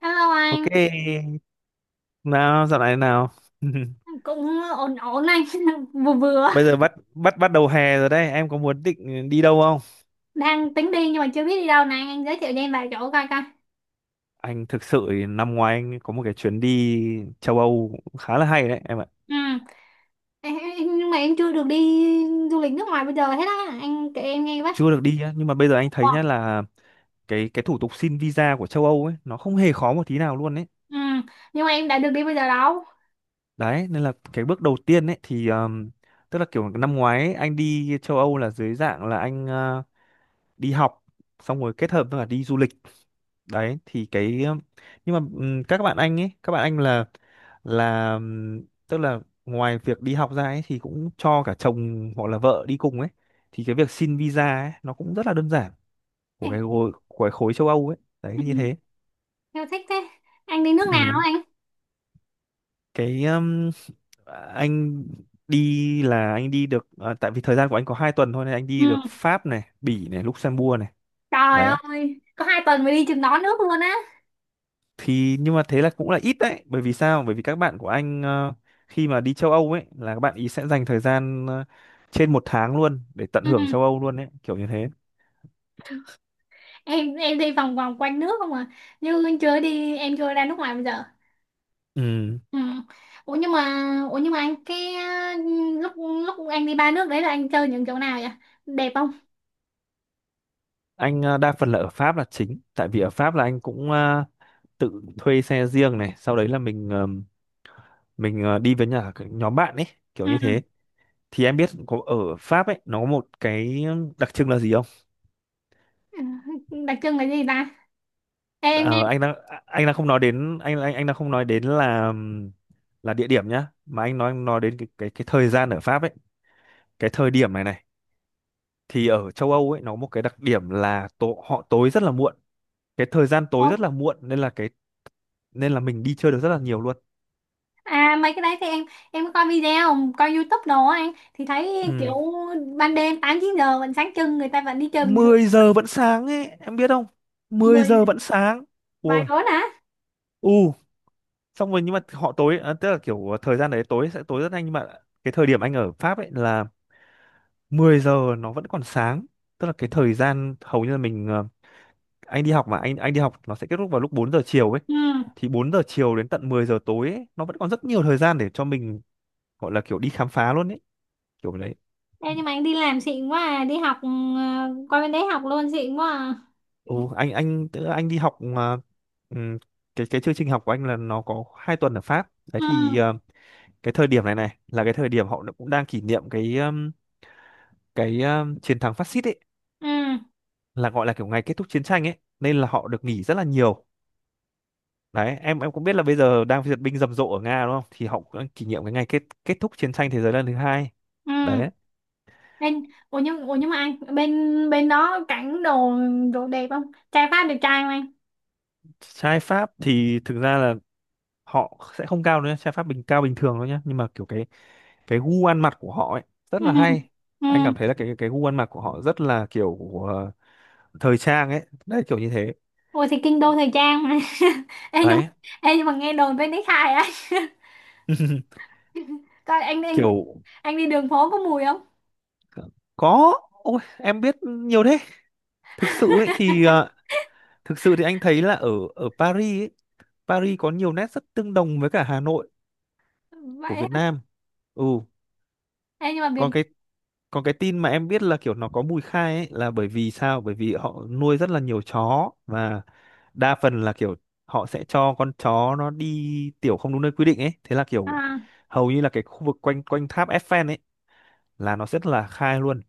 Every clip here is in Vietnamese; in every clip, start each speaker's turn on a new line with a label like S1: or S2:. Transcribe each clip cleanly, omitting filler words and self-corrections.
S1: Hello
S2: Ok,
S1: anh,
S2: nào dạo này nào.
S1: cũng ổn ổn anh, vừa vừa
S2: Bây giờ bắt bắt bắt đầu hè rồi đấy, em có muốn định đi đâu không?
S1: đang tính đi nhưng mà chưa biết đi đâu này, anh giới thiệu cho em vài chỗ coi coi.
S2: Anh thực sự thì năm ngoái anh có một cái chuyến đi châu Âu cũng khá là hay đấy em ạ.
S1: Ừ, nhưng mà em chưa được đi du lịch nước ngoài bây giờ hết á, anh kể em nghe với.
S2: Chưa được đi á, nhưng mà bây giờ anh
S1: Ồ,
S2: thấy nhá là cái thủ tục xin visa của châu Âu ấy nó không hề khó một tí nào luôn đấy.
S1: ừ, nhưng mà em đã được đi bây giờ đâu.
S2: Đấy, nên là cái bước đầu tiên ấy thì tức là kiểu năm ngoái ấy, anh đi châu Âu là dưới dạng là anh đi học xong rồi kết hợp với cả đi du lịch đấy thì cái nhưng mà các bạn anh ấy các bạn anh là tức là ngoài việc đi học ra ấy thì cũng cho cả chồng hoặc là vợ đi cùng ấy thì cái việc xin visa ấy nó cũng rất là đơn giản của
S1: Em,
S2: cái khối của cái khối châu Âu ấy đấy
S1: ừ,
S2: như thế.
S1: em thích thế. Anh đi nước nào
S2: Ừm,
S1: anh?
S2: cái anh đi là anh đi được à, tại vì thời gian của anh có 2 tuần thôi nên anh
S1: Ừ,
S2: đi được Pháp này, Bỉ này, Luxembourg này
S1: trời
S2: đấy
S1: ơi, có 2 tuần mới đi chừng đó nước luôn á.
S2: thì nhưng mà thế là cũng là ít đấy. Bởi vì sao? Bởi vì các bạn của anh khi mà đi châu Âu ấy là các bạn ý sẽ dành thời gian trên 1 tháng luôn để tận
S1: Ừ,
S2: hưởng châu Âu luôn ấy, kiểu như thế.
S1: em đi vòng vòng quanh nước không à, như chưa đi, em chưa ra nước ngoài bây giờ.
S2: Ừ.
S1: Ừ. Ủa nhưng mà, ủa nhưng mà anh cái lúc lúc anh đi ba nước đấy là anh chơi những chỗ nào vậy? Đẹp không?
S2: anh đa phần là ở Pháp là chính, tại vì ở Pháp là anh cũng tự thuê xe riêng này, sau đấy là mình đi với nhà nhóm bạn ấy, kiểu
S1: Ừ.
S2: như thế. Thì em biết có ở Pháp ấy nó có một cái đặc trưng là gì không?
S1: Ừ. Đặc trưng là gì ta? Ê, em nghe
S2: Ờ, anh đang anh đang không nói đến anh đang không nói đến là địa điểm nhá, mà anh nói đến cái thời gian ở Pháp ấy, cái thời điểm này này. Thì ở châu Âu ấy nó có một cái đặc điểm là họ tối rất là muộn, cái thời gian tối
S1: nói-
S2: rất là muộn nên là cái nên là mình đi chơi được rất là nhiều luôn.
S1: à, mấy cái đấy thì em có coi video, coi YouTube đồ á, anh thì thấy kiểu
S2: Ừ.
S1: ban đêm 8 9 giờ vẫn sáng trưng, người ta vẫn đi chơi bình thường.
S2: Mười giờ vẫn sáng ấy em biết không? Mười
S1: Mười
S2: giờ vẫn sáng.
S1: vài
S2: Ôi,
S1: bốn hả?
S2: u, xong rồi nhưng mà họ tối à, tức là kiểu thời gian đấy tối sẽ tối rất nhanh, nhưng mà cái thời điểm anh ở Pháp ấy là 10 giờ nó vẫn còn sáng, tức là cái thời gian hầu như là anh đi học mà anh đi học nó sẽ kết thúc vào lúc 4 giờ chiều ấy,
S1: Ừ.
S2: thì 4 giờ chiều đến tận 10 giờ tối ấy, nó vẫn còn rất nhiều thời gian để cho mình gọi là kiểu đi khám phá luôn ấy, kiểu đấy.
S1: Ê, nhưng mà anh đi làm xịn quá à, đi học qua bên đấy học luôn xịn quá à.
S2: Ừ, anh tức là anh đi học mà ừm, cái chương trình học của anh là nó có 2 tuần ở Pháp đấy
S1: Ừ.
S2: thì cái thời điểm này này là cái thời điểm họ cũng đang kỷ niệm cái chiến thắng phát xít ấy,
S1: Ừ.
S2: là gọi là kiểu ngày kết thúc chiến tranh ấy nên là họ được nghỉ rất là nhiều. Đấy, em cũng biết là bây giờ đang duyệt binh rầm rộ ở Nga đúng không? Thì họ cũng kỷ niệm cái ngày kết kết thúc chiến tranh thế giới lần thứ hai.
S1: Ừ.
S2: Đấy.
S1: bên ủa nhưng mà anh bên bên đó cảnh đồ đồ đẹp không? Trai Pháp đẹp trai không anh?
S2: Trai Pháp thì thực ra là họ sẽ không cao nữa, trai Pháp cao bình thường thôi nhá, nhưng mà kiểu cái gu ăn mặc của họ ấy rất
S1: Ừ,
S2: là hay.
S1: ừ.
S2: Anh cảm thấy là cái gu ăn mặc của họ rất là kiểu ờ, thời trang ấy, đấy kiểu như thế.
S1: Ủa thì kinh đô thời trang mà. ê nhưng
S2: Đấy.
S1: ê nhưng mà nghe đồn bên đấy khai á. Coi anh, anh
S2: Kiểu
S1: anh đi đường phố có mùi không?
S2: có ôi em biết nhiều thế. Thực sự ấy thì thực sự thì anh thấy là ở ở Paris ấy, Paris có nhiều nét rất tương đồng với cả Hà Nội của
S1: Vậy
S2: Việt
S1: hả?
S2: Nam. Ừ,
S1: Ê nhưng mà Việt
S2: còn cái còn cái tin mà em biết là kiểu nó có mùi khai ấy là bởi vì sao? Bởi vì họ nuôi rất là nhiều chó và đa phần là kiểu họ sẽ cho con chó nó đi tiểu không đúng nơi quy định ấy. Thế là kiểu
S1: à,
S2: hầu như là cái khu vực quanh quanh tháp Eiffel ấy là nó rất là khai luôn,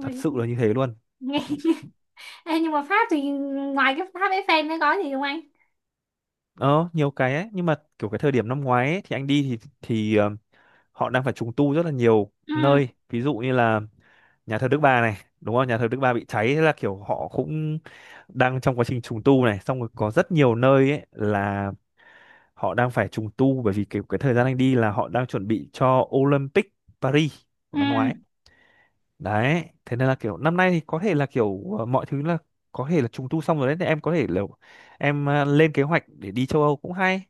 S2: thật sự là như thế luôn.
S1: nghe
S2: Họ
S1: ê nhưng mà Pháp thì ngoài cái Pháp Eiffel nó có gì không anh?
S2: ờ nhiều cái ấy, nhưng mà kiểu cái thời điểm năm ngoái ấy, thì anh đi thì họ đang phải trùng tu rất là nhiều
S1: Ừ,
S2: nơi, ví dụ như là nhà thờ Đức Bà này đúng không? Nhà thờ Đức Bà bị cháy, thế là kiểu họ cũng đang trong quá trình trùng tu này, xong rồi có rất nhiều nơi ấy là họ đang phải trùng tu bởi vì cái thời gian anh đi là họ đang chuẩn bị cho Olympic Paris của
S1: ừ.
S2: năm ngoái đấy. Thế nên là kiểu năm nay thì có thể là kiểu mọi thứ là có thể là trùng tu xong rồi đấy. Thì em có thể là em lên kế hoạch để đi châu Âu cũng hay.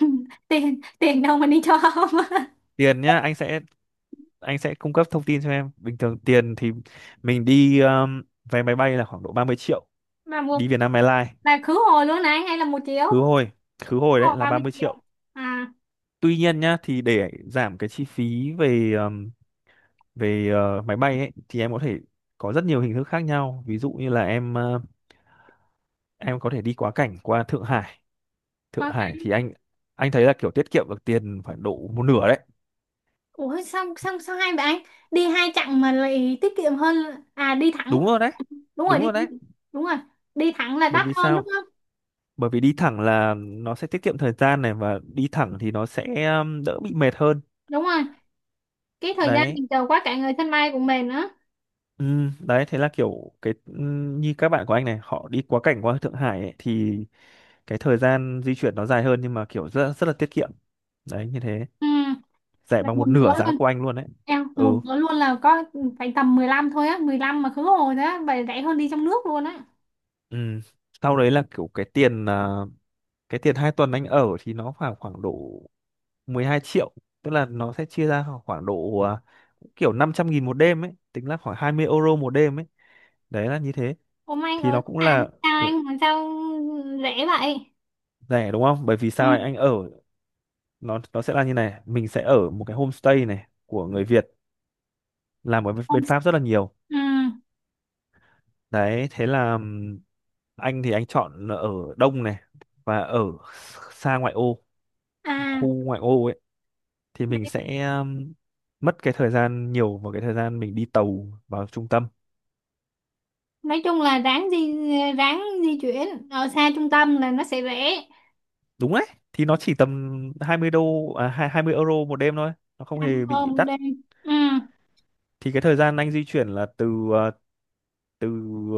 S1: Tiền tiền đâu mà đi cho không?
S2: Tiền nhá, anh sẽ cung cấp thông tin cho em. Bình thường tiền thì mình đi vé máy bay là khoảng độ 30 triệu,
S1: Mà một
S2: đi Vietnam Airlines
S1: là khứ hồi luôn này hay là một triệu?
S2: khứ hồi. Khứ hồi
S1: Khứ
S2: đấy
S1: hồi
S2: là
S1: ba
S2: ba
S1: mươi
S2: mươi
S1: triệu
S2: triệu
S1: à?
S2: tuy nhiên nhá, thì để giảm cái chi phí về về ờ, máy bay ấy thì em có thể có rất nhiều hình thức khác nhau, ví dụ như là em có thể đi quá cảnh qua Thượng Hải. Thượng Hải thì anh thấy là kiểu tiết kiệm được tiền phải độ một nửa đấy.
S1: Ủa sao sao sao hai bạn đi hai chặng mà lại tiết kiệm hơn? À, đi thẳng.
S2: Đúng rồi đấy.
S1: Đúng rồi,
S2: Đúng
S1: đi,
S2: rồi đấy.
S1: đúng rồi, đi thẳng là
S2: Bởi
S1: đắt
S2: vì
S1: hơn đúng
S2: sao?
S1: không?
S2: Bởi vì đi thẳng là nó sẽ tiết kiệm thời gian này, và đi thẳng thì nó sẽ đỡ bị mệt hơn.
S1: Đúng rồi, cái thời gian
S2: Đấy,
S1: mình chờ quá cả người sân bay của mình nữa.
S2: ừ, đấy thế là kiểu cái như các bạn của anh này họ đi quá cảnh qua Thượng Hải ấy, thì cái thời gian di chuyển nó dài hơn nhưng mà kiểu rất rất là tiết kiệm. Đấy như thế,
S1: Ừ,
S2: rẻ
S1: là
S2: bằng
S1: một
S2: một
S1: nửa
S2: nửa giá
S1: luôn
S2: của anh luôn đấy.
S1: em, một
S2: Ừ.
S1: nửa luôn là có phải tầm 15 thôi á, 15 mà khứ hồi đó vậy rẻ hơn đi trong nước luôn á.
S2: Ừ. Sau đấy là kiểu cái tiền 2 tuần anh ở thì nó khoảng khoảng độ 12 triệu, tức là nó sẽ chia ra khoảng khoảng độ à, kiểu 500 nghìn một đêm ấy, tính là khoảng 20 euro một đêm ấy. Đấy là như thế,
S1: Ôm anh
S2: thì
S1: ở
S2: nó
S1: khách
S2: cũng
S1: sạn
S2: là
S1: sao anh, mà sao rẻ vậy?
S2: rẻ đúng không? Bởi vì
S1: Ừ.
S2: sao? Anh ở nó sẽ là như này, mình sẽ ở một cái homestay này của người Việt làm ở
S1: Không.
S2: bên Pháp rất là nhiều.
S1: Ừ.
S2: Đấy thế là anh thì anh chọn là ở đông này và ở xa ngoại ô,
S1: À,
S2: khu ngoại ô ấy, thì mình sẽ mất cái thời gian nhiều vào cái thời gian mình đi tàu vào trung tâm.
S1: nói chung là ráng di chuyển ở xa trung tâm là nó sẽ rẻ.
S2: Đúng đấy, thì nó chỉ tầm 20 đô à, 20 euro một đêm thôi, nó không
S1: Ăn
S2: hề bị
S1: cơm
S2: đắt.
S1: đi. Ừ.
S2: Thì cái thời gian anh di chuyển là từ ờ, từ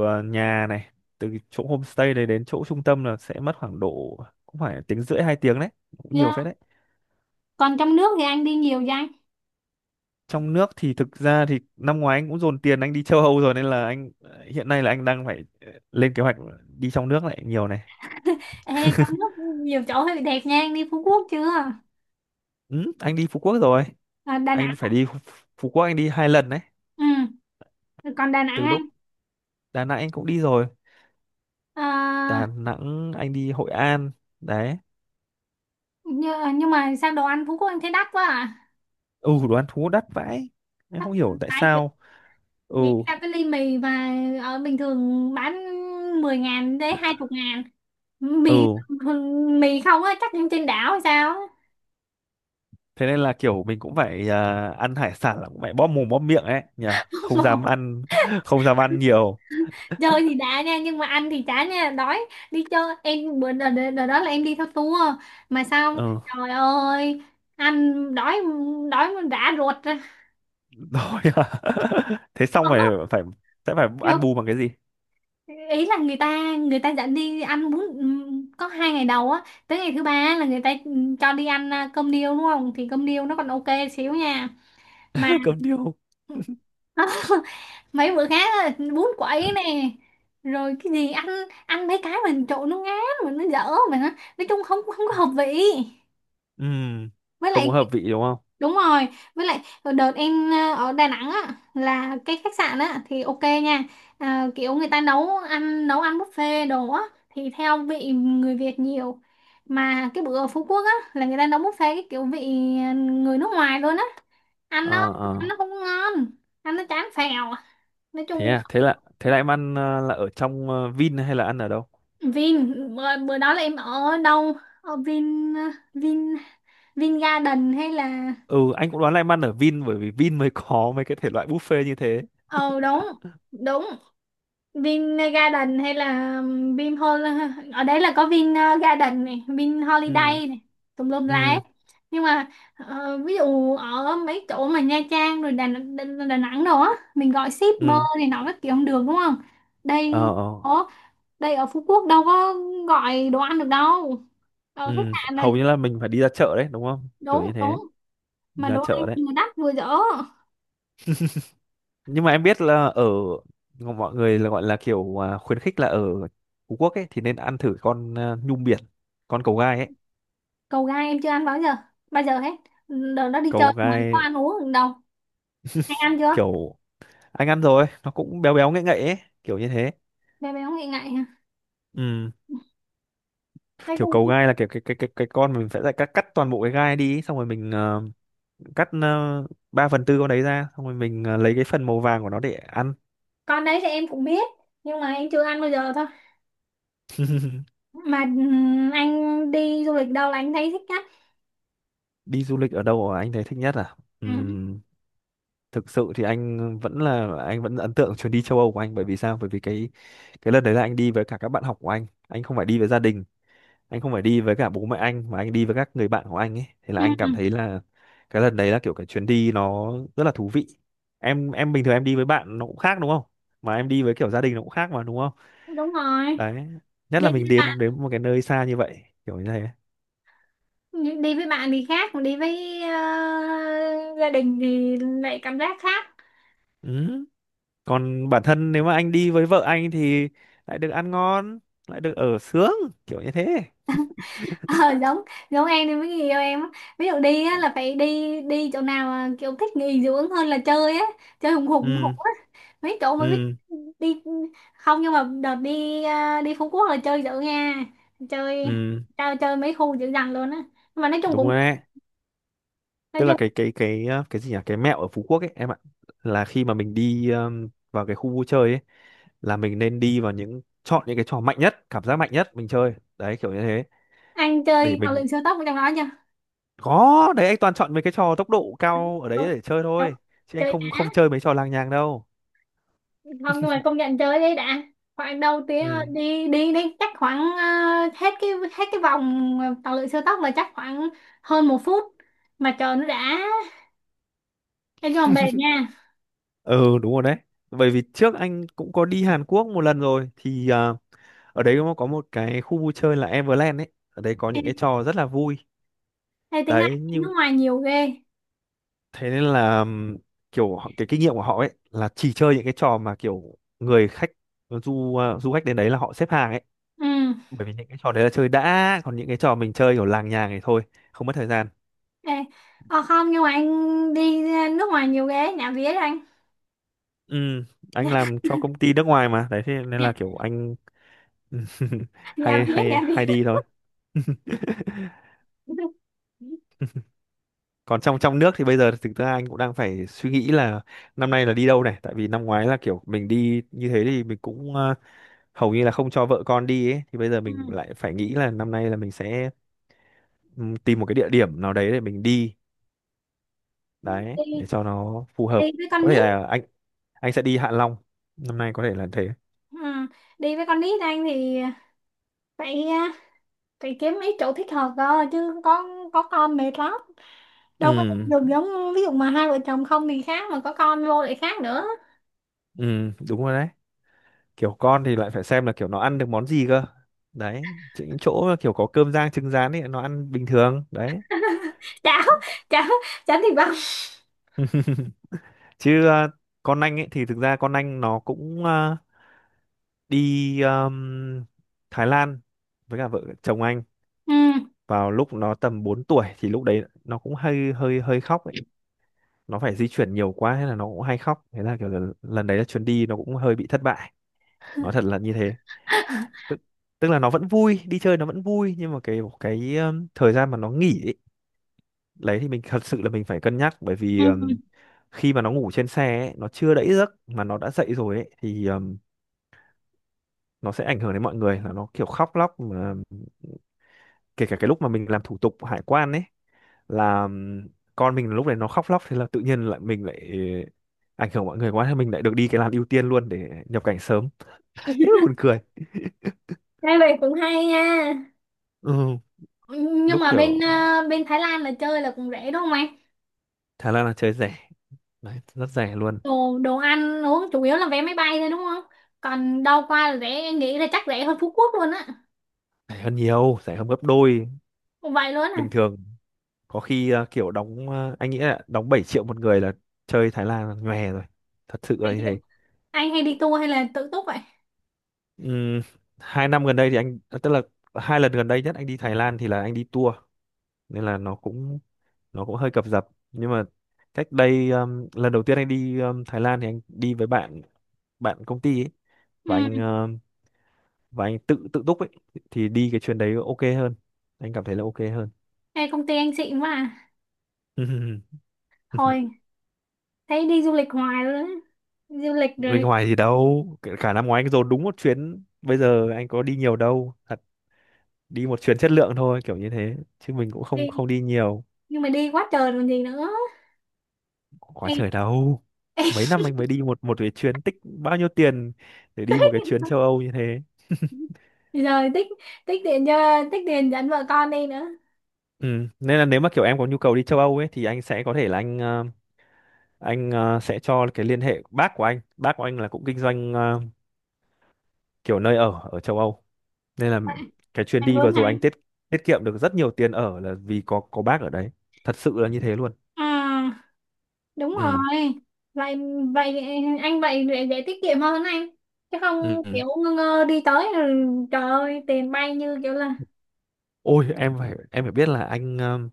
S2: ờ, nhà này, từ cái chỗ homestay đấy đến chỗ trung tâm là sẽ mất khoảng độ cũng phải tiếng rưỡi hai tiếng đấy, cũng nhiều
S1: Yeah.
S2: phết đấy.
S1: Còn trong nước thì anh đi nhiều vậy?
S2: Trong nước thì thực ra thì năm ngoái anh cũng dồn tiền anh đi châu Âu rồi, nên là anh hiện nay là anh đang phải lên kế hoạch đi trong nước lại nhiều này.
S1: Ê, trong nước nhiều chỗ thì đẹp nha, anh đi Phú Quốc chưa?
S2: Ừ, anh đi Phú Quốc rồi.
S1: À, Đà
S2: Anh
S1: Nẵng.
S2: phải đi, Phú Quốc anh đi hai lần đấy.
S1: Ừ, còn Đà Nẵng
S2: Từ
S1: anh
S2: lúc Đà Nẵng anh cũng đi rồi,
S1: à?
S2: Đà Nẵng anh đi Hội An đấy.
S1: Nhưng mà sao đồ ăn Phú Quốc anh thấy đắt quá à?
S2: Ừ, đồ ăn thú đắt vãi, anh
S1: Đắt
S2: không hiểu tại
S1: phải chứ.
S2: sao. Ừ.
S1: Nghĩ ra cái ly mì mà ở bình thường bán 10.000 đến 20 ngàn mì.
S2: Ừ,
S1: Mì không á chắc trên đảo hay sao á.
S2: thế nên là kiểu mình cũng phải à, ăn hải sản là cũng phải bóp mồm bóp miệng ấy nhỉ, không dám ăn không dám ăn nhiều.
S1: Chơi thì đã nha nhưng mà ăn thì chả nha, đói. Đi chơi em bữa đợt đó là em đi theo tour, mà sao
S2: Ừ
S1: trời ơi, ăn đói, đói mà rã ruột ra.
S2: rồi à. Thế xong phải phải sẽ phải
S1: Kiểu,
S2: ăn bù bằng cái gì.
S1: ý là người ta dẫn đi ăn bún, có 2 ngày đầu á, tới ngày thứ ba á là người ta cho đi ăn cơm điêu đúng không, thì cơm điêu nó còn ok xíu nha, mà
S2: Cơm điêu.
S1: mấy bữa khác á, bún quậy nè, rồi cái gì ăn ăn mấy cái mình trộn nó ngán mà nó dở mà nói chung không không có hợp vị.
S2: Ừm,
S1: Với
S2: Không có
S1: lại
S2: hợp vị đúng không?
S1: đúng rồi, với lại đợt em ở Đà Nẵng á là cái khách sạn á thì ok nha, à, kiểu người ta nấu ăn buffet đồ á thì theo vị người Việt nhiều. Mà cái bữa ở Phú Quốc á là người ta nấu buffet cái kiểu vị người nước ngoài luôn á, ăn nó
S2: ờ
S1: ăn
S2: ờ
S1: nó không ngon, ăn nó chán phèo nói chung.
S2: Thế là em ăn là ở trong Vin hay là ăn ở đâu?
S1: Vin bữa đó là em ở đâu, ở Vin Vin Vin Garden hay là,
S2: Ừ, anh cũng đoán là em ăn ở Vin bởi vì Vin mới có mấy cái thể loại buffet như thế.
S1: ờ đúng đúng, Vin Garden hay là Vin Hol, ở đấy là có Vin Garden này, Vin
S2: ừ
S1: Holiday này, tùm lum la
S2: ừ
S1: hết. Nhưng mà ví dụ ở mấy chỗ mà Nha Trang rồi Đà Nẵng đồ á, mình gọi shipper
S2: ừ
S1: này nọ các kiểu không được đúng không?
S2: ờ
S1: Đây,
S2: ờ
S1: ở đây ở Phú Quốc đâu có gọi đồ ăn được đâu. Ở khách
S2: ừ,
S1: sạn là
S2: hầu như là mình phải đi ra chợ đấy đúng không, kiểu
S1: đúng
S2: như thế.
S1: đúng,
S2: Đi
S1: mà
S2: ra
S1: đồ ăn
S2: chợ đấy.
S1: vừa đắt vừa dở.
S2: Nhưng mà em biết là ở, mọi người là gọi là kiểu khuyến khích là ở Phú Quốc ấy thì nên ăn thử con nhum biển, con cầu gai ấy.
S1: Cầu gai em chưa ăn bao giờ hết. Đợt đó đi chơi
S2: Cầu
S1: mà có
S2: gai
S1: ăn uống được đâu. Hay ăn chưa?
S2: kiểu anh ăn rồi nó cũng béo béo ngậy ngậy ấy, kiểu như thế.
S1: Bé bé không nghĩ ngại
S2: Ừ,
S1: nói
S2: kiểu
S1: chung,
S2: cầu gai là kiểu cái con mình sẽ lại cắt cắt toàn bộ cái gai đi xong rồi mình cắt 3 phần tư con đấy ra xong rồi mình lấy cái phần màu vàng của nó để ăn.
S1: con đấy thì em cũng biết nhưng mà em chưa ăn bao giờ thôi. Mà anh đi du lịch đâu là anh thấy thích nhất?
S2: Đi du lịch ở đâu mà anh thấy thích nhất à?
S1: Ừ.
S2: Thực sự thì anh vẫn ấn tượng chuyến đi châu Âu của anh, bởi vì sao, bởi vì cái lần đấy là anh đi với cả các bạn học của anh không phải đi với gia đình, anh không phải đi với cả bố mẹ anh mà anh đi với các người bạn của anh ấy, thế là
S1: Ừ.
S2: anh cảm thấy là cái lần đấy là kiểu cái chuyến đi nó rất là thú vị. Em bình thường em đi với bạn nó cũng khác đúng không, mà em đi với kiểu gia đình nó cũng khác mà đúng không.
S1: Đúng rồi,
S2: Đấy, nhất
S1: đi
S2: là mình
S1: với bạn,
S2: đến đến một cái nơi xa như vậy kiểu như thế.
S1: đi với bạn thì khác, còn đi với gia đình thì lại cảm giác khác.
S2: Ừ. Còn bản thân nếu mà anh đi với vợ anh thì lại được ăn ngon, lại được ở sướng, kiểu như thế.
S1: Ờ, giống giống em thì mới người yêu em á. Ví dụ đi á, là phải đi đi chỗ nào mà kiểu thích nghỉ dưỡng hơn là chơi á, chơi hùng hục
S2: ừ
S1: á, mấy chỗ mà thích
S2: ừ
S1: đi. Không, nhưng mà đợt đi Phú Quốc là chơi dữ nha, chơi
S2: ừ,
S1: chơi chơi mấy khu dữ dằn luôn á, nhưng mà nói chung
S2: đúng
S1: cũng,
S2: rồi đấy.
S1: nói
S2: Tức là
S1: chung
S2: cái cái gì nhỉ, cái mẹo ở Phú Quốc ấy em ạ, là khi mà mình đi vào cái khu vui chơi ấy là mình nên đi vào chọn những cái trò mạnh nhất, cảm giác mạnh nhất mình chơi đấy, kiểu như thế.
S1: anh
S2: Để
S1: chơi tàu
S2: mình,
S1: lượn siêu tốc ở trong đó chưa?
S2: có đấy, anh toàn chọn mấy cái trò tốc độ cao ở đấy
S1: Đúng
S2: để chơi
S1: đúng,
S2: thôi, chứ anh
S1: chơi
S2: không
S1: đã.
S2: không chơi mấy trò làng nhàng đâu.
S1: Không, nhưng mà công nhận chơi đấy đã khoảng đầu tiếng.
S2: ừ
S1: Đi đi đi chắc khoảng hết cái vòng tàu lượn siêu tốc là chắc khoảng hơn 1 phút mà chờ nó đã em, nhưng mà mệt nha.
S2: ừ đúng rồi đấy. Bởi vì trước anh cũng có đi Hàn Quốc một lần rồi thì ở đấy nó có một cái khu vui chơi là Everland ấy, ở đấy có
S1: Ê,
S2: những cái trò rất là vui.
S1: ê tính ra
S2: Đấy
S1: anh
S2: nhưng
S1: nước ngoài nhiều ghê.
S2: thế nên là kiểu cái kinh nghiệm của họ ấy là chỉ chơi những cái trò mà kiểu người khách du khách đến đấy là họ xếp hàng ấy,
S1: Ừ.
S2: bởi vì những cái trò đấy là chơi đã, còn những cái trò mình chơi kiểu làng nhàng này thôi, không mất thời gian.
S1: ê ờ không, nhưng mà anh đi nước ngoài nhiều ghê nhà vía đó anh.
S2: Ừ, anh
S1: nhà,
S2: làm cho công ty nước ngoài mà đấy, thế nên
S1: nhà,
S2: là kiểu anh
S1: Nhà
S2: hay
S1: vía
S2: hay
S1: nhà vía.
S2: hay đi thôi. Còn trong trong nước thì bây giờ thực ra anh cũng đang phải suy nghĩ là năm nay là đi đâu này, tại vì năm ngoái là kiểu mình đi như thế thì mình cũng hầu như là không cho vợ con đi ấy, thì bây giờ
S1: Ừ.
S2: mình lại phải nghĩ là năm nay là mình sẽ tìm một cái địa điểm nào đấy để mình đi, đấy
S1: đi
S2: để cho nó phù
S1: đi
S2: hợp.
S1: với con
S2: Có thể
S1: nít.
S2: là anh sẽ đi Hạ Long, năm nay có thể là thế.
S1: Ừ. Đi với con nít anh thì phải ờ, phải kiếm mấy chỗ thích hợp cơ, chứ có con mệt lắm, đâu có
S2: ừ
S1: đem được. Giống ví dụ mà hai vợ chồng không thì khác, mà có con vô lại khác nữa.
S2: ừ đúng rồi đấy. Kiểu con thì lại phải xem là kiểu nó ăn được món gì cơ, đấy, những chỗ mà kiểu có cơm rang trứng rán ấy nó ăn bình thường đấy.
S1: Cháo,
S2: Có-
S1: cháo, cháo thịt băm.
S2: chứ con anh ấy thì thực ra con anh nó cũng đi Thái Lan với cả vợ chồng anh
S1: Ừ,
S2: vào lúc nó tầm 4 tuổi, thì lúc đấy nó cũng hơi hơi hơi khóc ấy, nó phải di chuyển nhiều quá hay là nó cũng hay khóc, thế là kiểu là lần đấy là chuyến đi nó cũng hơi bị thất bại, nói thật là như thế. tức, Tức là nó vẫn vui đi chơi, nó vẫn vui, nhưng mà cái thời gian mà nó nghỉ đấy thì mình thật sự là mình phải cân nhắc, bởi vì
S1: ừ.
S2: khi mà nó ngủ trên xe ấy, nó chưa đẫy giấc mà nó đã dậy rồi ấy, thì nó sẽ ảnh hưởng đến mọi người, là nó kiểu khóc lóc mà kể cả cái lúc mà mình làm thủ tục hải quan ấy, là con mình lúc này nó khóc lóc, thế là tự nhiên lại mình lại ảnh hưởng mọi người quá, thế mình lại được đi cái làn ưu tiên luôn để nhập cảnh sớm. Thế mà buồn cười.
S1: Nghe vậy cũng hay nha,
S2: ừ,
S1: nhưng
S2: lúc
S1: mà
S2: kiểu
S1: bên Thái Lan là chơi là cũng rẻ đúng không em?
S2: Thái Lan là chơi rẻ đấy, rất rẻ luôn.
S1: Đồ đồ ăn uống chủ yếu là vé máy bay thôi đúng không? Còn đâu qua là rẻ, em nghĩ là chắc rẻ hơn Phú Quốc luôn á.
S2: Rẻ hơn nhiều, rẻ hơn gấp đôi
S1: Vậy luôn à?
S2: bình thường. Có khi kiểu đóng anh nghĩ là đóng 7 triệu một người là chơi Thái Lan là nhòe rồi, thật sự là
S1: Hay
S2: như
S1: chưa?
S2: thế.
S1: Anh hay đi tour hay là tự túc vậy?
S2: Ừm, Hai năm gần đây thì anh tức là hai lần gần đây nhất anh đi Thái Lan thì là anh đi tour, nên là nó cũng hơi cập dập. Nhưng mà cách đây lần đầu tiên anh đi Thái Lan thì anh đi với bạn, bạn công ty ấy, và
S1: Ừ,
S2: anh tự tự túc ấy, thì đi cái chuyến đấy ok hơn, anh cảm thấy là ok
S1: hay công ty anh xịn quá à,
S2: hơn.
S1: thôi thấy đi du lịch hoài luôn á, du lịch
S2: Bên
S1: rồi.
S2: ngoài thì đâu, cả cả năm ngoái anh dồn đúng một chuyến, bây giờ anh có đi nhiều đâu, thật, đi một chuyến chất lượng thôi kiểu như thế, chứ mình cũng không
S1: Đi,
S2: không đi nhiều.
S1: nhưng mà đi quá trời còn gì nữa.
S2: Quá trời đâu, mấy năm anh mới đi một một cái chuyến, tích bao nhiêu tiền để đi một cái chuyến châu Âu như thế.
S1: Rồi tích, tích tiền cho tích tiền dẫn vợ con đi nữa.
S2: Ừ, nên là nếu mà kiểu em có nhu cầu đi châu Âu ấy thì anh sẽ có thể là anh sẽ cho cái liên hệ bác của anh, bác của anh là cũng kinh doanh kiểu nơi ở ở châu Âu, nên là cái chuyến
S1: Anh
S2: đi vừa
S1: muốn ha.
S2: rồi anh tiết tiết kiệm được rất nhiều tiền ở, là vì có bác ở đấy, thật sự là như thế luôn.
S1: À, đúng rồi,
S2: ừ
S1: vậy vậy anh vậy để tiết kiệm hơn anh, chứ không
S2: ừ.
S1: kiểu ngơ ngơ đi tới rồi, trời ơi tiền bay như kiểu là.
S2: Ôi em phải biết là anh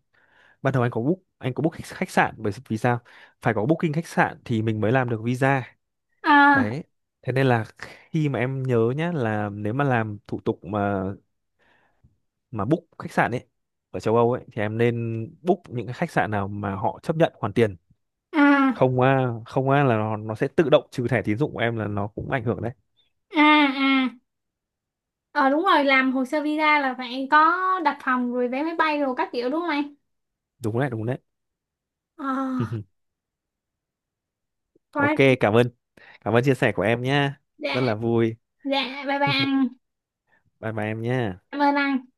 S2: ban đầu anh có book khách khách sạn, bởi vì sao, phải có booking khách sạn thì mình mới làm được visa.
S1: à
S2: Đấy, thế nên là khi mà em nhớ nhá, là nếu mà làm thủ tục mà book khách sạn ấy ở châu Âu ấy, thì em nên book những cái khách sạn nào mà họ chấp nhận hoàn tiền.
S1: à
S2: Không á, không á là nó sẽ tự động trừ thẻ tín dụng của em, là nó cũng ảnh hưởng đấy.
S1: à à ờ Đúng rồi, làm hồ sơ visa là phải có đặt phòng rồi vé máy bay rồi các kiểu đúng không anh?
S2: Đúng đấy, đúng đấy.
S1: ờ
S2: Ok,
S1: Quá
S2: cảm ơn, cảm ơn chia sẻ của em nhá, rất
S1: đã.
S2: là vui.
S1: Dạ bye bye anh.
S2: Bye bye em nhá.
S1: Cảm ơn anh.